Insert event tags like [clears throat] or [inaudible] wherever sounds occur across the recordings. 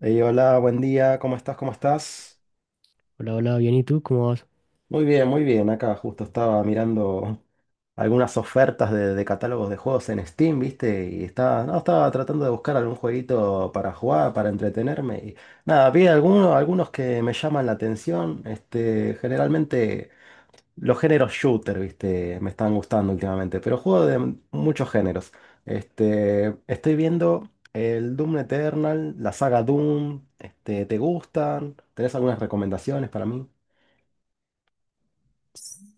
Hey, hola, buen día, ¿cómo estás? ¿Cómo estás? Hola, hola, bien, ¿y tú? ¿Cómo vas? Muy bien, muy bien. Acá justo estaba mirando algunas ofertas de catálogos de juegos en Steam, ¿viste? Y estaba, no, estaba tratando de buscar algún jueguito para jugar, para entretenerme. Y nada, vi algunos que me llaman la atención. Este, generalmente. Los géneros shooter, viste, me están gustando últimamente, pero juego de muchos géneros. Estoy viendo el Doom Eternal, la saga Doom, ¿te gustan? ¿Tenés algunas recomendaciones para mí?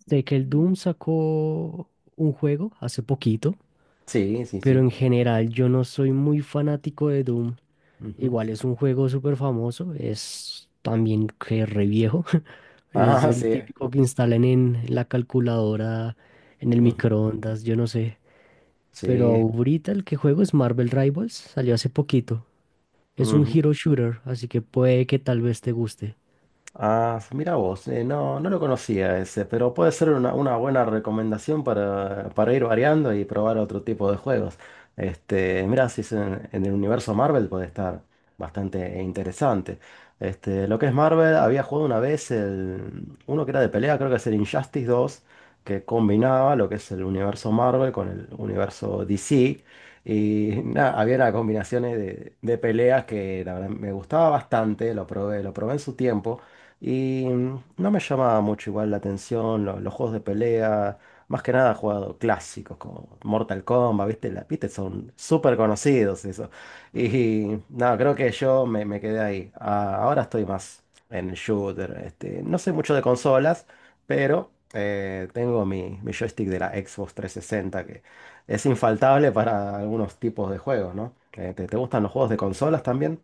Sé que el Doom sacó un juego hace poquito, Sí, sí, pero sí. en general yo no soy muy fanático de Doom. Ujú. Igual es un juego súper famoso, es también que re viejo. [laughs] Es [laughs] Ah, el sí. típico que instalan en la calculadora, en el Ujú. microondas, yo no sé. Pero Sí. ahorita el que juego es Marvel Rivals, salió hace poquito. Es un hero shooter, así que puede que tal vez te guste. Ah, mira vos, no, no lo conocía ese, pero puede ser una buena recomendación para ir variando y probar otro tipo de juegos. Mira, si es en el universo Marvel puede estar bastante interesante. Este, lo que es Marvel, había jugado una vez el, uno que era de pelea, creo que es el Injustice dos que combinaba lo que es el universo Marvel con el universo DC. Y nada, había unas combinaciones de peleas que la verdad me gustaba bastante, lo probé en su tiempo. Y no me llamaba mucho igual la atención los juegos de pelea. Más que nada he jugado clásicos como Mortal Kombat, ¿viste? La, ¿viste? Son súper conocidos eso. Y no, creo que yo me, me quedé ahí. Ah, ahora estoy más en el shooter. No sé mucho de consolas, pero tengo mi joystick de la Xbox 360 que es infaltable para algunos tipos de juegos, ¿no? ¿Te, te gustan los juegos de consolas también?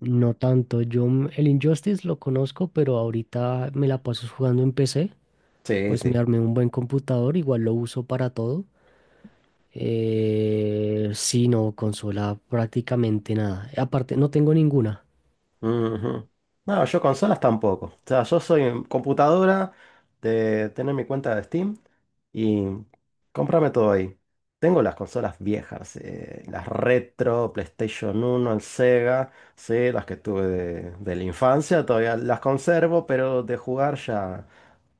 No tanto, el Injustice lo conozco, pero ahorita me la paso jugando en PC, Sí, pues sí. me armé un buen computador, igual lo uso para todo. Sí, no, consola prácticamente nada. Aparte, no tengo ninguna. Ujú. No, yo consolas tampoco. O sea, yo soy en computadora de tener mi cuenta de Steam y cómprame todo ahí. Tengo las consolas viejas, las retro, PlayStation uno, el Sega, sí, las que tuve de la infancia, todavía las conservo, pero de jugar ya.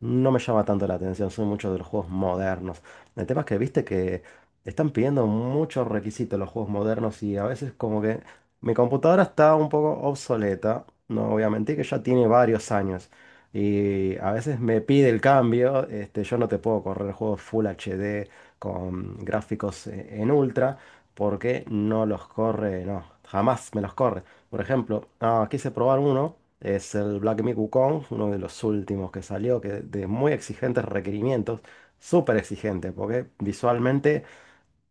No me llama tanto la atención, soy mucho de los juegos modernos. El tema es que viste que están pidiendo muchos requisitos los juegos modernos y a veces como que mi computadora está un poco obsoleta, no voy a mentir que ya tiene varios años y a veces me pide el cambio, yo no te puedo correr juegos Full HD con gráficos en ultra porque no los corre, no, jamás me los corre. Por ejemplo, ah, quise probar uno, es el Black Myth Wukong, uno de los últimos que salió, que de muy exigentes requerimientos, súper exigente, porque visualmente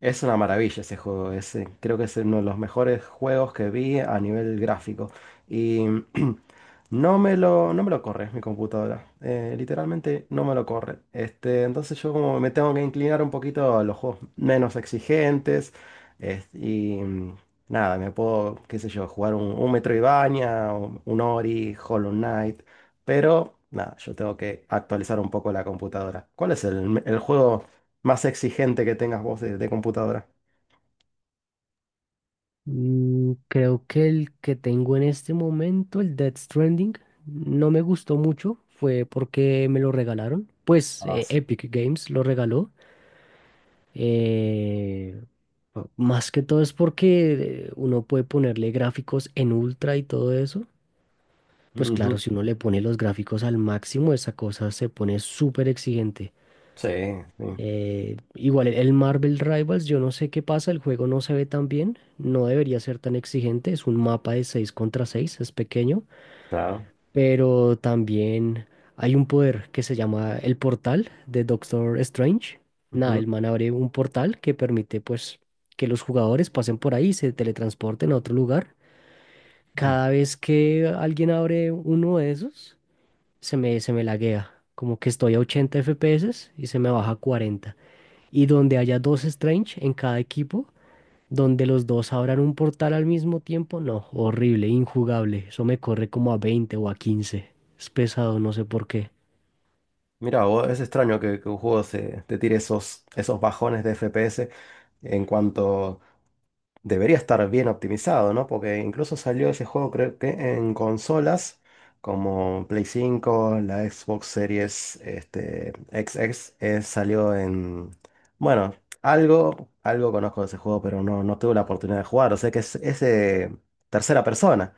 es una maravilla ese juego, es, creo que es uno de los mejores juegos que vi a nivel gráfico. Y no me lo corre mi computadora. Literalmente no me lo corre. Entonces yo como me tengo que inclinar un poquito a los juegos menos exigentes. Y nada, me puedo, qué sé yo, jugar un Metroidvania, un Ori, Hollow Knight. Pero nada, yo tengo que actualizar un poco la computadora. ¿Cuál es el juego más exigente que tengas vos de computadora? Creo que el que tengo en este momento, el Death Stranding, no me gustó mucho, fue porque me lo regalaron, pues Ah, sí. Epic Games lo regaló. Eh, más que todo es porque uno puede ponerle gráficos en ultra y todo eso. Pues claro, Ujú. si uno le pone los gráficos al máximo, esa cosa se pone súper exigente. Sí, sí, Igual el Marvel Rivals, yo no sé qué pasa, el juego no se ve tan bien, no debería ser tan exigente, es un mapa de 6 contra seis, es pequeño, claro. pero también hay un poder que se llama el portal de Doctor Strange. Nada, Ujú, el man abre un portal que permite, pues, que los jugadores pasen por ahí y se teletransporten a otro lugar. ujú. Cada vez que alguien abre uno de esos, se me laguea. Como que estoy a 80 FPS y se me baja a 40. Y donde haya dos Strange en cada equipo, donde los dos abran un portal al mismo tiempo, no, horrible, injugable. Eso me corre como a 20 o a 15. Es pesado, no sé por qué. Mira, vos, es extraño que un juego se, te tire esos, esos bajones de FPS en cuanto debería estar bien optimizado, ¿no? Porque incluso salió ese juego, creo que en consolas como Play 5, la Xbox Series X X, salió en... Bueno, algo conozco de ese juego, pero no, no tuve la oportunidad de jugar. O sea que es de tercera persona.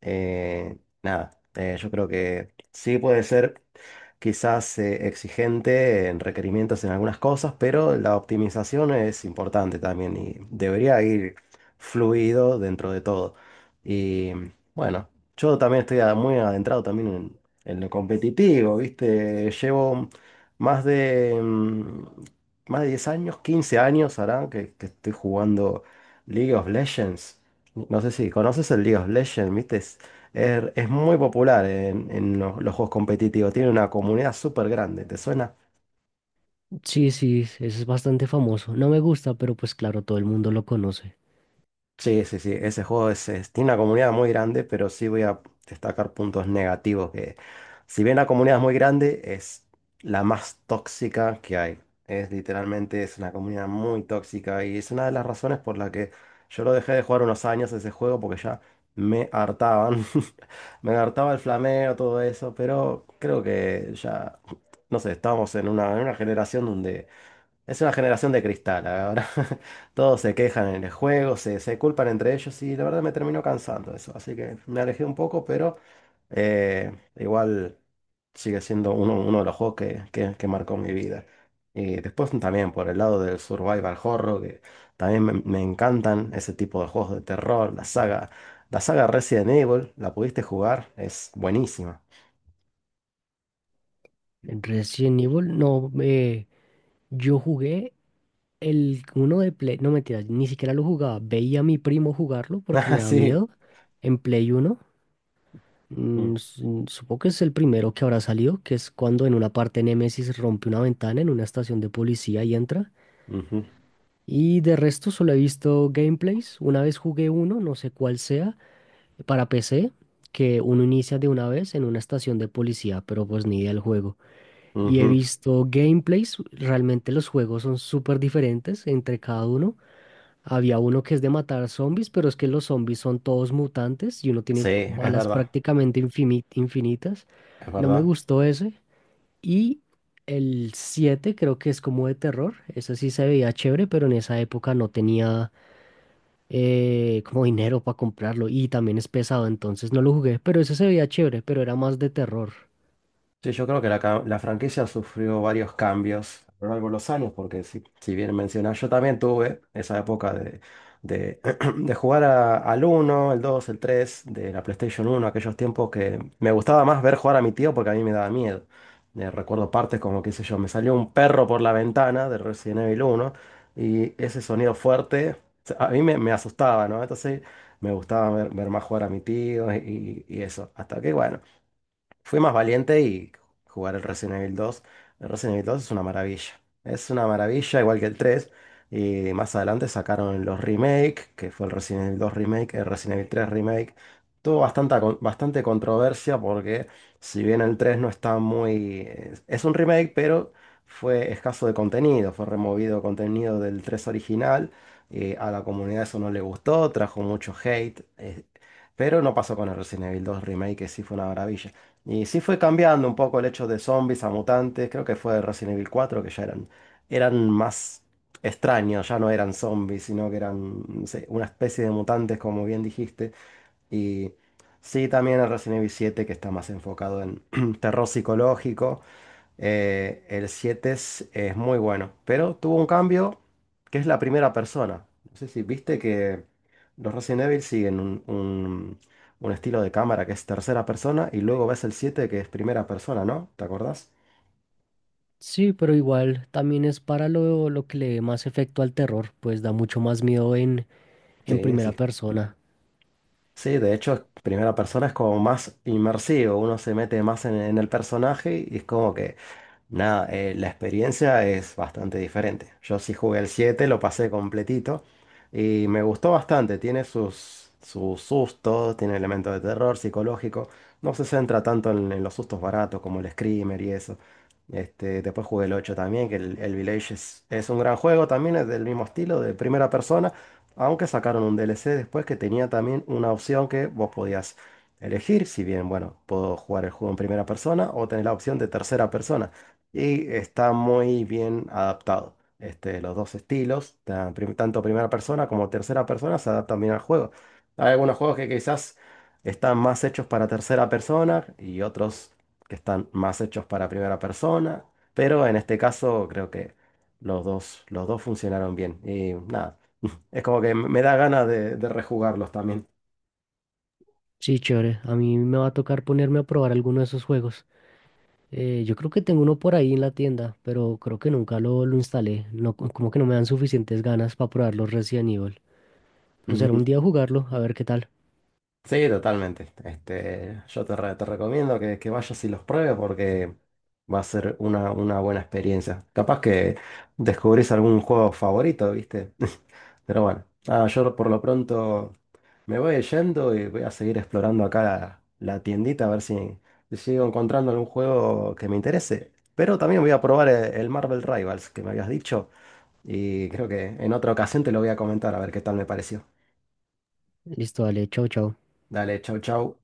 Eh, nada, yo creo que sí puede ser quizás exigente en requerimientos en algunas cosas, pero la optimización es importante también y debería ir fluido dentro de todo. Y bueno, yo también estoy muy adentrado también en lo competitivo, ¿viste? Llevo más de, más de 10 años, 15 años hará que estoy jugando League of Legends. No sé si conoces el League of Legends, ¿viste? Es, es muy popular en los juegos competitivos. Tiene una comunidad súper grande. ¿Te suena? Sí, sí, ese es bastante famoso. No me gusta, pero pues claro, todo el mundo lo conoce. Sí, sí, sí, ese juego es, tiene una comunidad muy grande, pero sí voy a destacar puntos negativos si bien la comunidad es muy grande, es la más tóxica que hay. Es literalmente, es una comunidad muy tóxica y es una de las razones por la que yo lo dejé de jugar unos años ese juego porque ya me hartaban. [laughs] Me hartaba el flameo, todo eso, pero creo que ya, no sé, estamos en una generación donde es una generación de cristal, ahora [laughs] todos se quejan en el juego, se culpan entre ellos y la verdad me terminó cansando eso, así que me alejé un poco, pero igual sigue siendo uno, uno de los juegos que marcó mi vida. Y después también por el lado del survival horror, que también me encantan ese tipo de juegos de terror, la saga Resident Evil, la pudiste jugar, es buenísima. Resident Evil, no, Yo jugué el uno de Play, no, mentira, ni siquiera lo jugaba. Veía a mi primo jugarlo [laughs] porque Ah, me da sí. miedo. En Play uno, Mm, supongo que es el primero que habrá salido, que es cuando en una parte Nemesis rompe una ventana en una estación de policía y entra. ujú, Y de resto solo he visto gameplays. Una vez jugué uno, no sé cuál sea, para PC, que uno inicia de una vez en una estación de policía, pero pues ni idea del juego. Y he ujú. visto gameplays, realmente los juegos son súper diferentes entre cada uno. Había uno que es de matar zombies, pero es que los zombies son todos mutantes y uno Sí, tiene es balas verdad, prácticamente infinitas. es No me verdad. gustó ese. Y el 7 creo que es como de terror. Ese sí se veía chévere, pero en esa época no tenía como dinero para comprarlo y también es pesado, entonces no lo jugué, pero ese se veía chévere, pero era más de terror. Sí, yo creo que la franquicia sufrió varios cambios a lo largo de los años, porque si, si bien mencionas, yo también tuve esa época de, [clears throat] de jugar al uno, el 2, el 3 de la PlayStation uno, aquellos tiempos que me gustaba más ver jugar a mi tío porque a mí me daba miedo. Recuerdo partes como, qué sé yo, me salió un perro por la ventana de Resident Evil uno y ese sonido fuerte a mí me, me asustaba, ¿no? Entonces me gustaba ver, ver más jugar a mi tío y eso. Hasta que, bueno. Fui más valiente y jugar el Resident Evil dos. El Resident Evil dos es una maravilla. Es una maravilla, igual que el tres. Y más adelante sacaron los remake, que fue el Resident Evil dos remake, el Resident Evil tres remake. Tuvo bastante controversia porque si bien el 3 no está muy... Es un remake, pero fue escaso de contenido. Fue removido contenido del 3 original. A la comunidad eso no le gustó, trajo mucho hate. Pero no pasó con el Resident Evil dos remake, que sí fue una maravilla. Y sí fue cambiando un poco el hecho de zombies a mutantes. Creo que fue Resident Evil 4 que ya eran más extraños, ya no eran zombies, sino que eran, no sé, una especie de mutantes, como bien dijiste. Y sí, también el Resident Evil 7 que está más enfocado en [clears throat] terror psicológico. El 7 es muy bueno, pero tuvo un cambio que es la primera persona. No sé si viste que los Resident Evil siguen un estilo de cámara que es tercera persona y luego ves el 7 que es primera persona, ¿no? ¿Te acordás? Sí, pero igual también es para lo que le dé más efecto al terror, pues da mucho más miedo en Sí, primera sí. persona. Sí, de hecho, primera persona es como más inmersivo, uno se mete más en el personaje y es como que nada, la experiencia es bastante diferente. Yo sí jugué el 7, lo pasé completito y me gustó bastante. Tiene sus sustos, tiene elementos de terror psicológico. No se centra tanto en los sustos baratos como el Screamer y eso. Después jugué el 8 también, que el Village es un gran juego también, es del mismo estilo, de primera persona, aunque sacaron un DLC después que tenía también una opción que vos podías elegir, si bien, bueno, puedo jugar el juego en primera persona o tener la opción de tercera persona. Y está muy bien adaptado. Este, los dos estilos, tanto primera persona como tercera persona, se adaptan bien al juego. Hay algunos juegos que quizás están más hechos para tercera persona y otros que están más hechos para primera persona. Pero en este caso creo que los dos funcionaron bien. Y nada, [laughs] es como que me da ganas de rejugarlos también. Sí, chévere, a mí me va a tocar ponerme a probar alguno de esos juegos. Yo creo que tengo uno por ahí en la tienda, pero creo que nunca lo instalé, no, como que no me dan suficientes ganas para probar los Resident Evil. Pero será un día jugarlo, a ver qué tal. Sí, totalmente. Yo te recomiendo que vayas y los pruebes porque va a ser una buena experiencia. Capaz que descubrís algún juego favorito, ¿viste? [laughs] Pero bueno, nada, yo por lo pronto me voy yendo y voy a seguir explorando acá la tiendita a ver si si sigo encontrando algún juego que me interese. Pero también voy a probar el Marvel Rivals que me habías dicho y creo que en otra ocasión te lo voy a comentar a ver qué tal me pareció. Listo, dale, chao, chao. Dale, chau, chau.